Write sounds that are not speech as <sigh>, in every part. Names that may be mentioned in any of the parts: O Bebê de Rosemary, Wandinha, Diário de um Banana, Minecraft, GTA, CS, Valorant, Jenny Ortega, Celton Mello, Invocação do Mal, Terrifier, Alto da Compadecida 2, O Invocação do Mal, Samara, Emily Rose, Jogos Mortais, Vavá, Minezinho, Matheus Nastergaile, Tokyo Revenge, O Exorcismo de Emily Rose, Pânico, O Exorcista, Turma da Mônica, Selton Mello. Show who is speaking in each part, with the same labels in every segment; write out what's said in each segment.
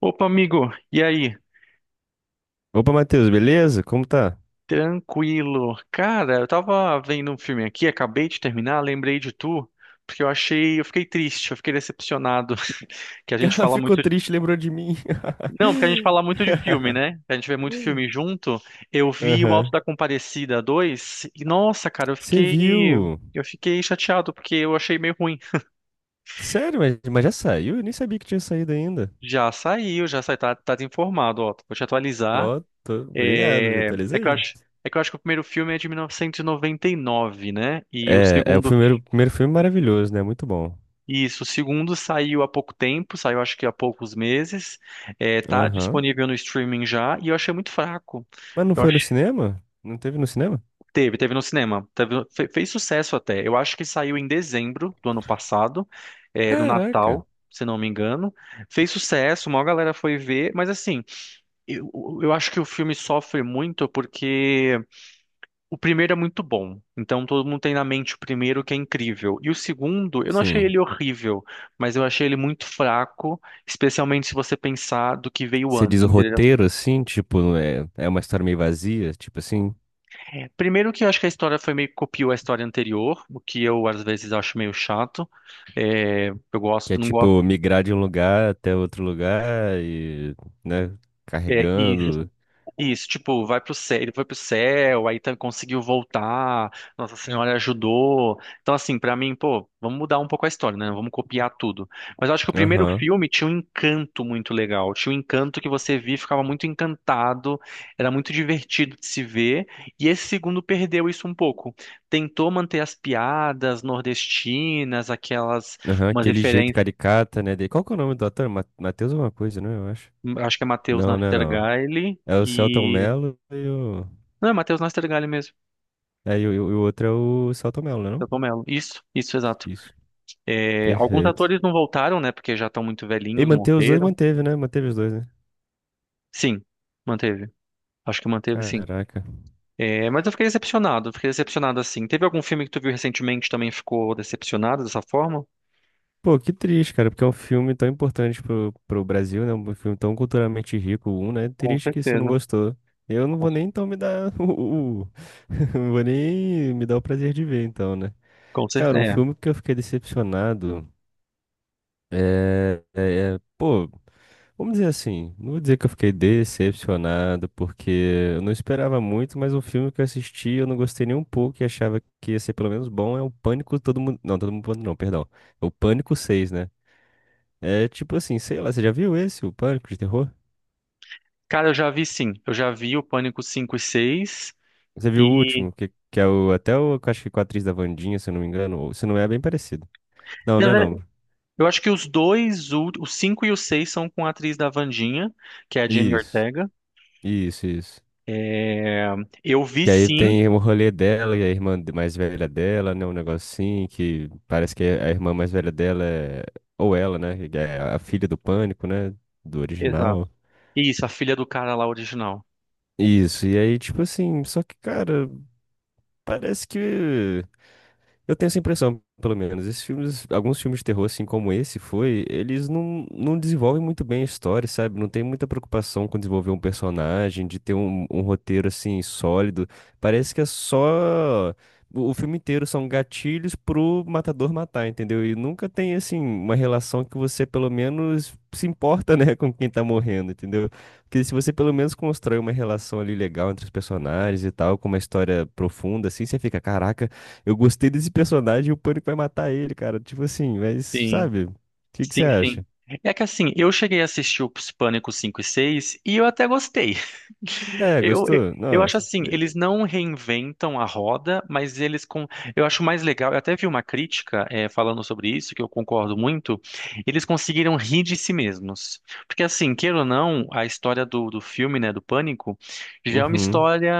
Speaker 1: Opa, amigo, e aí?
Speaker 2: Opa, Matheus, beleza? Como tá?
Speaker 1: Tranquilo. Cara, eu tava vendo um filme aqui, acabei de terminar, lembrei de tu, porque eu fiquei triste, eu fiquei decepcionado <laughs> que a gente
Speaker 2: <laughs>
Speaker 1: fala
Speaker 2: Ficou
Speaker 1: muito,
Speaker 2: triste, lembrou de mim.
Speaker 1: não, porque a gente fala muito de filme,
Speaker 2: <laughs>
Speaker 1: né? A gente vê muito filme junto. Eu vi o Alto
Speaker 2: Aham.
Speaker 1: da Compadecida 2 e nossa, cara, eu
Speaker 2: Você
Speaker 1: fiquei.
Speaker 2: viu?
Speaker 1: Eu fiquei chateado porque eu achei meio ruim.
Speaker 2: Sério, mas já saiu? Eu nem sabia que tinha saído ainda.
Speaker 1: Já saiu, tá, tá informado, ó. Vou te atualizar.
Speaker 2: Ó, tô obrigado, me
Speaker 1: É, é que eu
Speaker 2: aí.
Speaker 1: acho, é que eu acho que o primeiro filme é de 1999, né? E o
Speaker 2: É o
Speaker 1: segundo,
Speaker 2: primeiro filme maravilhoso, né? Muito bom.
Speaker 1: isso, o segundo saiu há pouco tempo, saiu acho que há poucos meses. É, tá
Speaker 2: Aham.
Speaker 1: disponível no streaming já e eu achei muito fraco.
Speaker 2: Mas não
Speaker 1: Eu
Speaker 2: foi
Speaker 1: acho,
Speaker 2: no cinema? Não teve no cinema?
Speaker 1: teve no cinema, fez sucesso até. Eu acho que saiu em dezembro do ano passado, é, no
Speaker 2: Caraca.
Speaker 1: Natal. Se não me engano, fez sucesso, uma galera foi ver, mas assim, eu, eu acho que o filme sofre muito porque o primeiro é muito bom, então todo mundo tem na mente o primeiro que é incrível. E o segundo, eu não achei ele
Speaker 2: Sim.
Speaker 1: horrível, mas eu achei ele muito fraco, especialmente se você pensar do que veio
Speaker 2: Você diz
Speaker 1: antes,
Speaker 2: o
Speaker 1: entendeu?
Speaker 2: roteiro, assim, tipo, é uma história meio vazia, tipo assim?
Speaker 1: Primeiro que eu acho que a história foi meio que copiou a história anterior, o que eu às vezes acho meio chato. É, eu
Speaker 2: Que
Speaker 1: gosto,
Speaker 2: é
Speaker 1: não
Speaker 2: tipo
Speaker 1: gosto.
Speaker 2: migrar de um lugar até outro lugar e, né,
Speaker 1: É,
Speaker 2: carregando.
Speaker 1: isso, tipo, vai pro céu, ele foi pro céu, conseguiu voltar, Nossa Senhora ajudou. Então, assim, pra mim, pô, vamos mudar um pouco a história, né? Vamos copiar tudo. Mas eu acho que o primeiro
Speaker 2: Aham,
Speaker 1: filme tinha um encanto muito legal, tinha um encanto que você via, e ficava muito encantado, era muito divertido de se ver, e esse segundo perdeu isso um pouco. Tentou manter as piadas nordestinas, aquelas,
Speaker 2: aham,
Speaker 1: umas
Speaker 2: aquele jeito
Speaker 1: referências,
Speaker 2: caricata, né, dele. Qual que é o nome do ator? Matheus alguma coisa, né? Eu acho.
Speaker 1: acho que é Matheus
Speaker 2: Não, não é não.
Speaker 1: Nastergaile
Speaker 2: É o Celton
Speaker 1: e...
Speaker 2: Mello e o.
Speaker 1: Não, é Matheus Nastergaile mesmo.
Speaker 2: É, e o outro é o Celton Mello, né? Não?
Speaker 1: Selton Mello. Isso, exato.
Speaker 2: Isso.
Speaker 1: É, alguns
Speaker 2: Perfeito.
Speaker 1: atores não voltaram, né? Porque já estão muito
Speaker 2: E
Speaker 1: velhinhos,
Speaker 2: manter os dois,
Speaker 1: morreram.
Speaker 2: manteve, né? Manteve os dois, né?
Speaker 1: Sim, manteve. Acho que manteve, sim.
Speaker 2: Caraca.
Speaker 1: É, mas eu fiquei decepcionado assim. Teve algum filme que tu viu recentemente que também ficou decepcionado dessa forma?
Speaker 2: Pô, que triste, cara, porque é um filme tão importante pro Brasil, né? Um filme tão culturalmente rico, um, né?
Speaker 1: Com
Speaker 2: Triste que você não
Speaker 1: certeza.
Speaker 2: gostou. Eu não
Speaker 1: Com,
Speaker 2: vou nem então me dar <laughs> <laughs> Não vou nem me dar o prazer de ver, então, né?
Speaker 1: com
Speaker 2: Cara, um
Speaker 1: certeza. É.
Speaker 2: filme que eu fiquei decepcionado Pô, vamos dizer assim, não vou dizer que eu fiquei decepcionado, porque eu não esperava muito, mas um filme que eu assisti eu não gostei nem um pouco e achava que ia ser pelo menos bom é o Pânico Todo Mundo. Não, Todo Mundo Pânico não, perdão. É o Pânico seis, né? É tipo assim, sei lá, você já viu esse, o Pânico de Terror?
Speaker 1: Cara, eu já vi sim. Eu já vi o Pânico 5 e 6.
Speaker 2: Você viu o
Speaker 1: E,
Speaker 2: último, que é o, até o, que eu acho que com a atriz da Wandinha, se eu não me engano, ou se não é bem parecido. Não, não
Speaker 1: na
Speaker 2: é
Speaker 1: verdade,
Speaker 2: não.
Speaker 1: eu acho que os dois, o 5 e o 6 são com a atriz da Vandinha, que é a Jenny
Speaker 2: Isso,
Speaker 1: Ortega.
Speaker 2: isso, isso.
Speaker 1: É, eu vi
Speaker 2: Que aí
Speaker 1: sim.
Speaker 2: tem o rolê dela e a irmã mais velha dela, né, um negocinho que parece que a irmã mais velha dela é, ou ela, né, que é a filha do Pânico, né, do
Speaker 1: Exato.
Speaker 2: original.
Speaker 1: Isso, a filha do cara lá original.
Speaker 2: Isso, e aí tipo assim, só que, cara, parece que. Eu tenho essa impressão, pelo menos. Esses filmes, alguns filmes de terror, assim como esse foi, eles não desenvolvem muito bem a história, sabe? Não tem muita preocupação com desenvolver um personagem, de ter um roteiro, assim, sólido. Parece que é só. O filme inteiro são gatilhos pro matador matar, entendeu? E nunca tem, assim, uma relação que você, pelo menos, se importa, né, <laughs> com quem tá morrendo, entendeu? Porque se você, pelo menos, constrói uma relação ali legal entre os personagens e tal, com uma história profunda, assim, você fica, caraca. Eu gostei desse personagem e o Pânico vai matar ele, cara. Tipo assim, mas
Speaker 1: Sim.
Speaker 2: sabe? O que que você
Speaker 1: Sim, sim.
Speaker 2: acha?
Speaker 1: É que assim, eu cheguei a assistir os Pânico 5 e 6 e eu até gostei. <laughs>
Speaker 2: É,
Speaker 1: Eu
Speaker 2: gostou?
Speaker 1: eu acho
Speaker 2: Nossa.
Speaker 1: assim, eles não reinventam a roda, mas eles com. Eu acho mais legal, eu até vi uma crítica falando sobre isso, que eu concordo muito, eles conseguiram rir de si mesmos. Porque assim, queira ou não, a história do, do filme, né, do Pânico, já é uma
Speaker 2: Uhum.
Speaker 1: história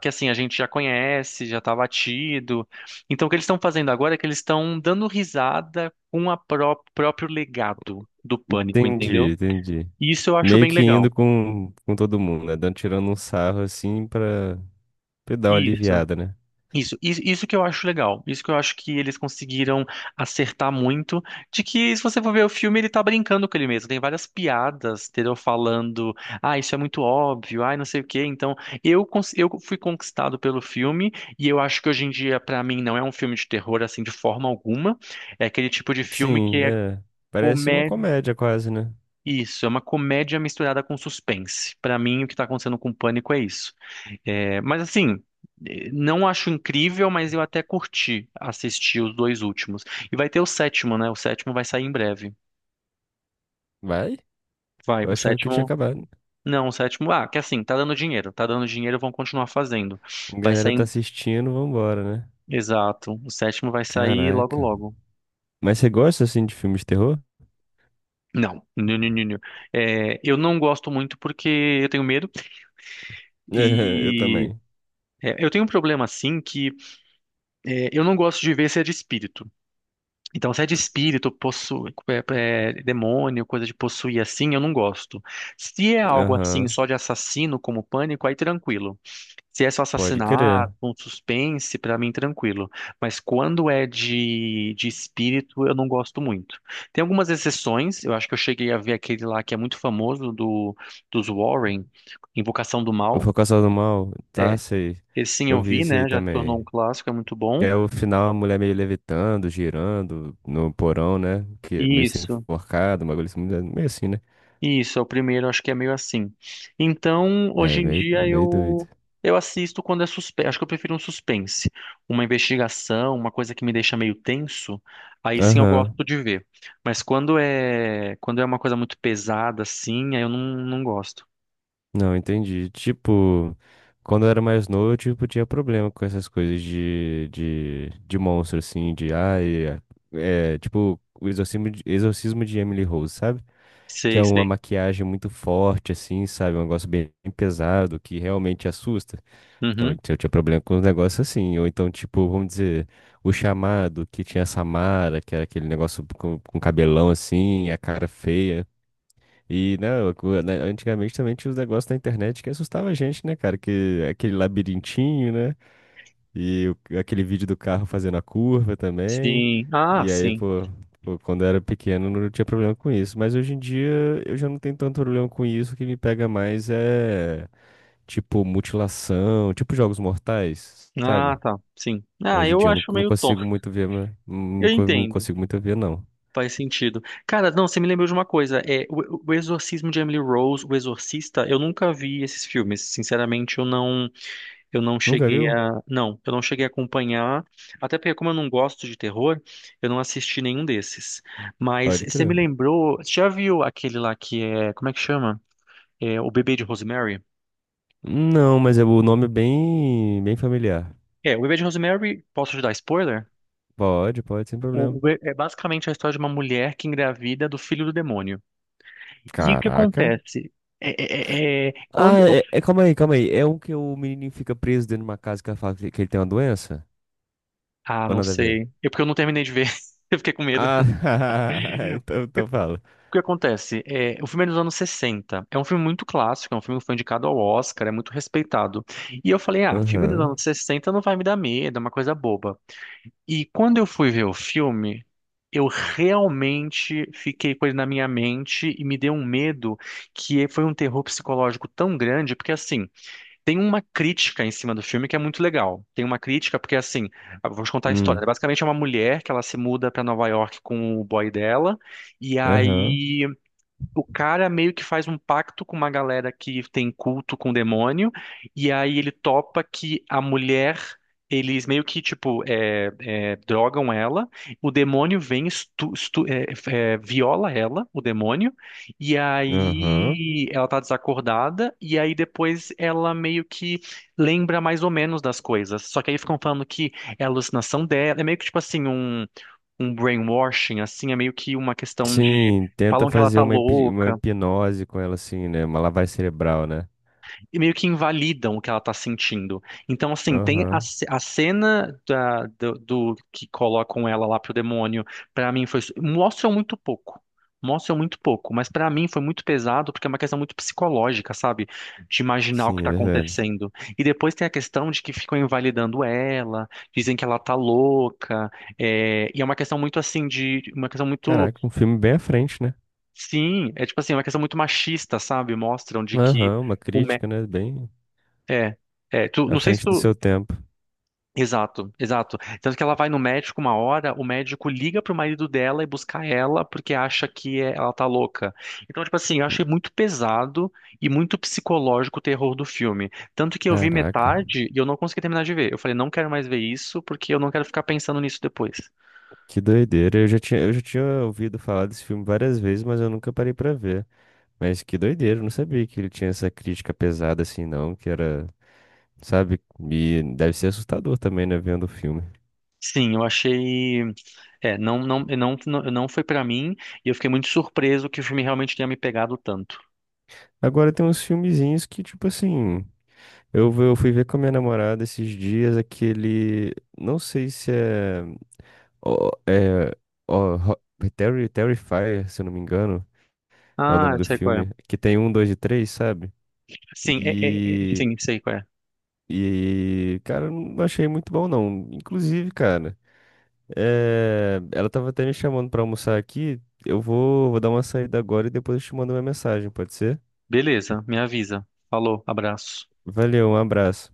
Speaker 1: que assim, a gente já conhece, já tá batido. Então o que eles estão fazendo agora é que eles estão dando risada com a próprio legado do Pânico,
Speaker 2: Entendi,
Speaker 1: entendeu?
Speaker 2: entendi.
Speaker 1: E isso eu acho
Speaker 2: Meio
Speaker 1: bem
Speaker 2: que indo
Speaker 1: legal.
Speaker 2: com todo mundo, né? Dando, tirando um sarro assim pra dar uma
Speaker 1: Isso.
Speaker 2: aliviada, né?
Speaker 1: Isso que eu acho legal. Isso que eu acho que eles conseguiram acertar muito. De que, se você for ver o filme, ele tá brincando com ele mesmo. Tem várias piadas, entendeu? Falando, ah, isso é muito óbvio, ah, não sei o quê. Então, eu fui conquistado pelo filme. E eu acho que hoje em dia, pra mim, não é um filme de terror, assim, de forma alguma. É aquele tipo de filme que
Speaker 2: Sim,
Speaker 1: é
Speaker 2: é. Parece uma
Speaker 1: comédia.
Speaker 2: comédia quase, né?
Speaker 1: Isso, é uma comédia misturada com suspense. Pra mim, o que tá acontecendo com o Pânico é isso. É, mas assim, não acho incrível, mas eu até curti assistir os dois últimos. E vai ter o sétimo, né? O sétimo vai sair em breve.
Speaker 2: Vai?
Speaker 1: Vai,
Speaker 2: Eu
Speaker 1: o
Speaker 2: achava que tinha
Speaker 1: sétimo.
Speaker 2: acabado.
Speaker 1: Não, o sétimo. Ah, que assim, tá dando dinheiro. Tá dando dinheiro, vão continuar fazendo.
Speaker 2: A
Speaker 1: Vai
Speaker 2: galera
Speaker 1: sair
Speaker 2: tá assistindo, vambora, né?
Speaker 1: exato. O sétimo vai sair logo,
Speaker 2: Caraca.
Speaker 1: logo.
Speaker 2: Mas você gosta assim de filmes de terror?
Speaker 1: Não, não, não, não, não. É, eu não gosto muito porque eu tenho medo
Speaker 2: <laughs> É, eu
Speaker 1: e
Speaker 2: também.
Speaker 1: é, eu tenho um problema assim que é, eu não gosto de ver se é de espírito. Então, se é de espírito, é, é, demônio, coisa de possuir assim, eu não gosto. Se é algo assim,
Speaker 2: Aham,
Speaker 1: só de assassino, como Pânico, aí tranquilo. Se é só
Speaker 2: pode
Speaker 1: assassinato,
Speaker 2: crer.
Speaker 1: um suspense, pra mim tranquilo. Mas quando é de espírito, eu não gosto muito. Tem algumas exceções, eu acho que eu cheguei a ver aquele lá que é muito famoso do, dos Warren, Invocação do
Speaker 2: O
Speaker 1: Mal.
Speaker 2: Invocação do Mal, tá,
Speaker 1: É,
Speaker 2: sei.
Speaker 1: esse sim
Speaker 2: Eu
Speaker 1: eu
Speaker 2: vi
Speaker 1: vi,
Speaker 2: isso aí
Speaker 1: né? Já tornou
Speaker 2: também.
Speaker 1: um clássico, é muito
Speaker 2: Que
Speaker 1: bom.
Speaker 2: é o final, a mulher meio levitando, girando no porão, né? Que é meio sendo
Speaker 1: Isso.
Speaker 2: enforcada, uma coisa assim, meio assim, né?
Speaker 1: Isso, é o primeiro, acho que é meio assim. Então,
Speaker 2: É,
Speaker 1: hoje em
Speaker 2: meio,
Speaker 1: dia
Speaker 2: meio doido.
Speaker 1: eu assisto quando é suspense. Acho que eu prefiro um suspense, uma investigação, uma coisa que me deixa meio tenso. Aí sim eu
Speaker 2: Aham.
Speaker 1: gosto de ver. Mas quando é uma coisa muito pesada assim, aí eu não, não gosto.
Speaker 2: Não, entendi. Tipo, quando eu era mais novo, tipo, tinha problema com essas coisas de monstro, assim, de, ai, é, tipo, o exorcismo de Emily Rose, sabe? Que
Speaker 1: Sei,
Speaker 2: é uma
Speaker 1: sei.
Speaker 2: maquiagem muito forte, assim, sabe? Um negócio bem pesado que realmente assusta. Então,
Speaker 1: Uhum.
Speaker 2: eu tinha problema com os negócios assim. Ou então, tipo, vamos dizer, o chamado que tinha a Samara, que era aquele negócio com cabelão assim, a cara feia. E, né, né, antigamente também tinha os negócios na internet que assustava a gente, né, cara? Que aquele labirintinho, né? Aquele vídeo do carro fazendo a curva também.
Speaker 1: Sim. Ah,
Speaker 2: E aí,
Speaker 1: sim.
Speaker 2: pô, quando eu era pequeno não tinha problema com isso. Mas hoje em dia eu já não tenho tanto problema com isso. O que me pega mais é tipo mutilação, tipo jogos mortais, sabe?
Speaker 1: Ah, tá. Sim. Ah,
Speaker 2: Hoje em
Speaker 1: eu
Speaker 2: dia eu não,
Speaker 1: acho
Speaker 2: não
Speaker 1: meio tonto.
Speaker 2: consigo muito ver, mas
Speaker 1: Eu
Speaker 2: não
Speaker 1: entendo.
Speaker 2: consigo muito ver, não.
Speaker 1: Faz sentido. Cara, não, você me lembrou de uma coisa. É, o Exorcismo de Emily Rose, O Exorcista, eu nunca vi esses filmes. Sinceramente, eu não,
Speaker 2: Nunca viu?
Speaker 1: eu não cheguei a acompanhar. Até porque como eu não gosto de terror, eu não assisti nenhum desses. Mas
Speaker 2: Pode
Speaker 1: você me
Speaker 2: crer.
Speaker 1: lembrou, você já viu aquele lá que é, como é que chama? É, O Bebê de Rosemary?
Speaker 2: Não, mas é o nome é bem, bem familiar.
Speaker 1: É, O Bebê de Rosemary, posso te dar spoiler?
Speaker 2: Pode, pode, sem problema.
Speaker 1: É basicamente a história de uma mulher que engravida do filho do demônio. E o que
Speaker 2: Caraca.
Speaker 1: acontece?
Speaker 2: Ah,
Speaker 1: Quando...
Speaker 2: calma aí, calma aí. É um que o menininho fica preso dentro de uma casa que ela fala que ele tem uma doença?
Speaker 1: ah,
Speaker 2: Ou
Speaker 1: não
Speaker 2: nada a ver?
Speaker 1: sei. Eu porque eu não terminei de ver. <laughs> Eu fiquei com medo.
Speaker 2: Ah,
Speaker 1: O
Speaker 2: <laughs> então fala.
Speaker 1: que acontece? É, o filme é dos anos 60. É um filme muito clássico, é um filme que foi indicado ao Oscar, é muito respeitado. E eu falei, ah, filme dos
Speaker 2: Aham.
Speaker 1: anos 60 não vai me dar medo, é uma coisa boba. E quando eu fui ver o filme, eu realmente fiquei com ele na minha mente e me deu um medo que foi um terror psicológico tão grande, porque assim, tem uma crítica em cima do filme que é muito legal. Tem uma crítica porque, assim, vamos contar a história, né?
Speaker 2: Hum.
Speaker 1: Basicamente é uma mulher que ela se muda para Nova York com o boy dela, e
Speaker 2: Aham.
Speaker 1: aí o cara meio que faz um pacto com uma galera que tem culto com o demônio, e aí ele topa que a mulher, eles meio que, tipo, drogam ela, o demônio vem, viola ela, o demônio, e
Speaker 2: Aham.
Speaker 1: aí ela tá desacordada, e aí depois ela meio que lembra mais ou menos das coisas. Só que aí ficam falando que é alucinação dela, é meio que, tipo assim, um brainwashing, assim, é meio que uma questão de.
Speaker 2: Sim, tenta
Speaker 1: Falam que ela
Speaker 2: fazer
Speaker 1: tá
Speaker 2: uma
Speaker 1: louca
Speaker 2: hipnose com ela, assim, né? Uma lavagem cerebral, né?
Speaker 1: e meio que invalidam o que ela tá sentindo. Então, assim, tem
Speaker 2: Aham.
Speaker 1: a cena do, do que colocam ela lá pro demônio, pra mim foi. Mostram muito pouco. Mostram muito pouco, mas pra mim foi muito pesado porque é uma questão muito psicológica, sabe? De imaginar o
Speaker 2: Sim,
Speaker 1: que
Speaker 2: é
Speaker 1: tá
Speaker 2: verdade.
Speaker 1: acontecendo. E depois tem a questão de que ficam invalidando ela, dizem que ela tá louca, e é uma questão muito assim de, uma questão muito...
Speaker 2: Caraca, um filme bem à frente, né?
Speaker 1: sim, é tipo assim, é uma questão muito machista, sabe? Mostram de que
Speaker 2: Aham, uma
Speaker 1: o mé...
Speaker 2: crítica, né? Bem
Speaker 1: é, é, tu,
Speaker 2: à
Speaker 1: não sei se
Speaker 2: frente do seu
Speaker 1: tu...
Speaker 2: tempo.
Speaker 1: exato, exato. Tanto que ela vai no médico uma hora, o médico liga pro marido dela e busca ela porque acha que ela tá louca. Então, tipo assim, eu achei muito pesado e muito psicológico o terror do filme. Tanto que eu vi
Speaker 2: Caraca,
Speaker 1: metade e eu não consegui terminar de ver. Eu falei, não quero mais ver isso porque eu não quero ficar pensando nisso depois.
Speaker 2: que doideira. Eu já tinha ouvido falar desse filme várias vezes, mas eu nunca parei pra ver. Mas que doideira, eu não sabia que ele tinha essa crítica pesada assim, não, que era, sabe? E deve ser assustador também, né, vendo o filme.
Speaker 1: Sim, eu achei. É, não, não, não, não, não foi pra mim e eu fiquei muito surpreso que o filme realmente tenha me pegado tanto.
Speaker 2: Agora tem uns filmezinhos que, tipo assim. Eu fui ver com a minha namorada esses dias aquele. Não sei se é. ó, é ó, Ro- Terrifier, se eu não me engano, é o
Speaker 1: Ah,
Speaker 2: nome
Speaker 1: eu
Speaker 2: do
Speaker 1: sei qual é.
Speaker 2: filme. Que tem um, dois e três, sabe?
Speaker 1: Sim, é, é, é,
Speaker 2: E.
Speaker 1: sim, sei qual é.
Speaker 2: Cara, eu não achei muito bom, não. Inclusive, cara, é, ela tava até me chamando pra almoçar aqui. Eu vou dar uma saída agora e depois eu te mando uma mensagem, pode ser?
Speaker 1: Beleza, me avisa. Falou, abraço.
Speaker 2: Valeu, um abraço.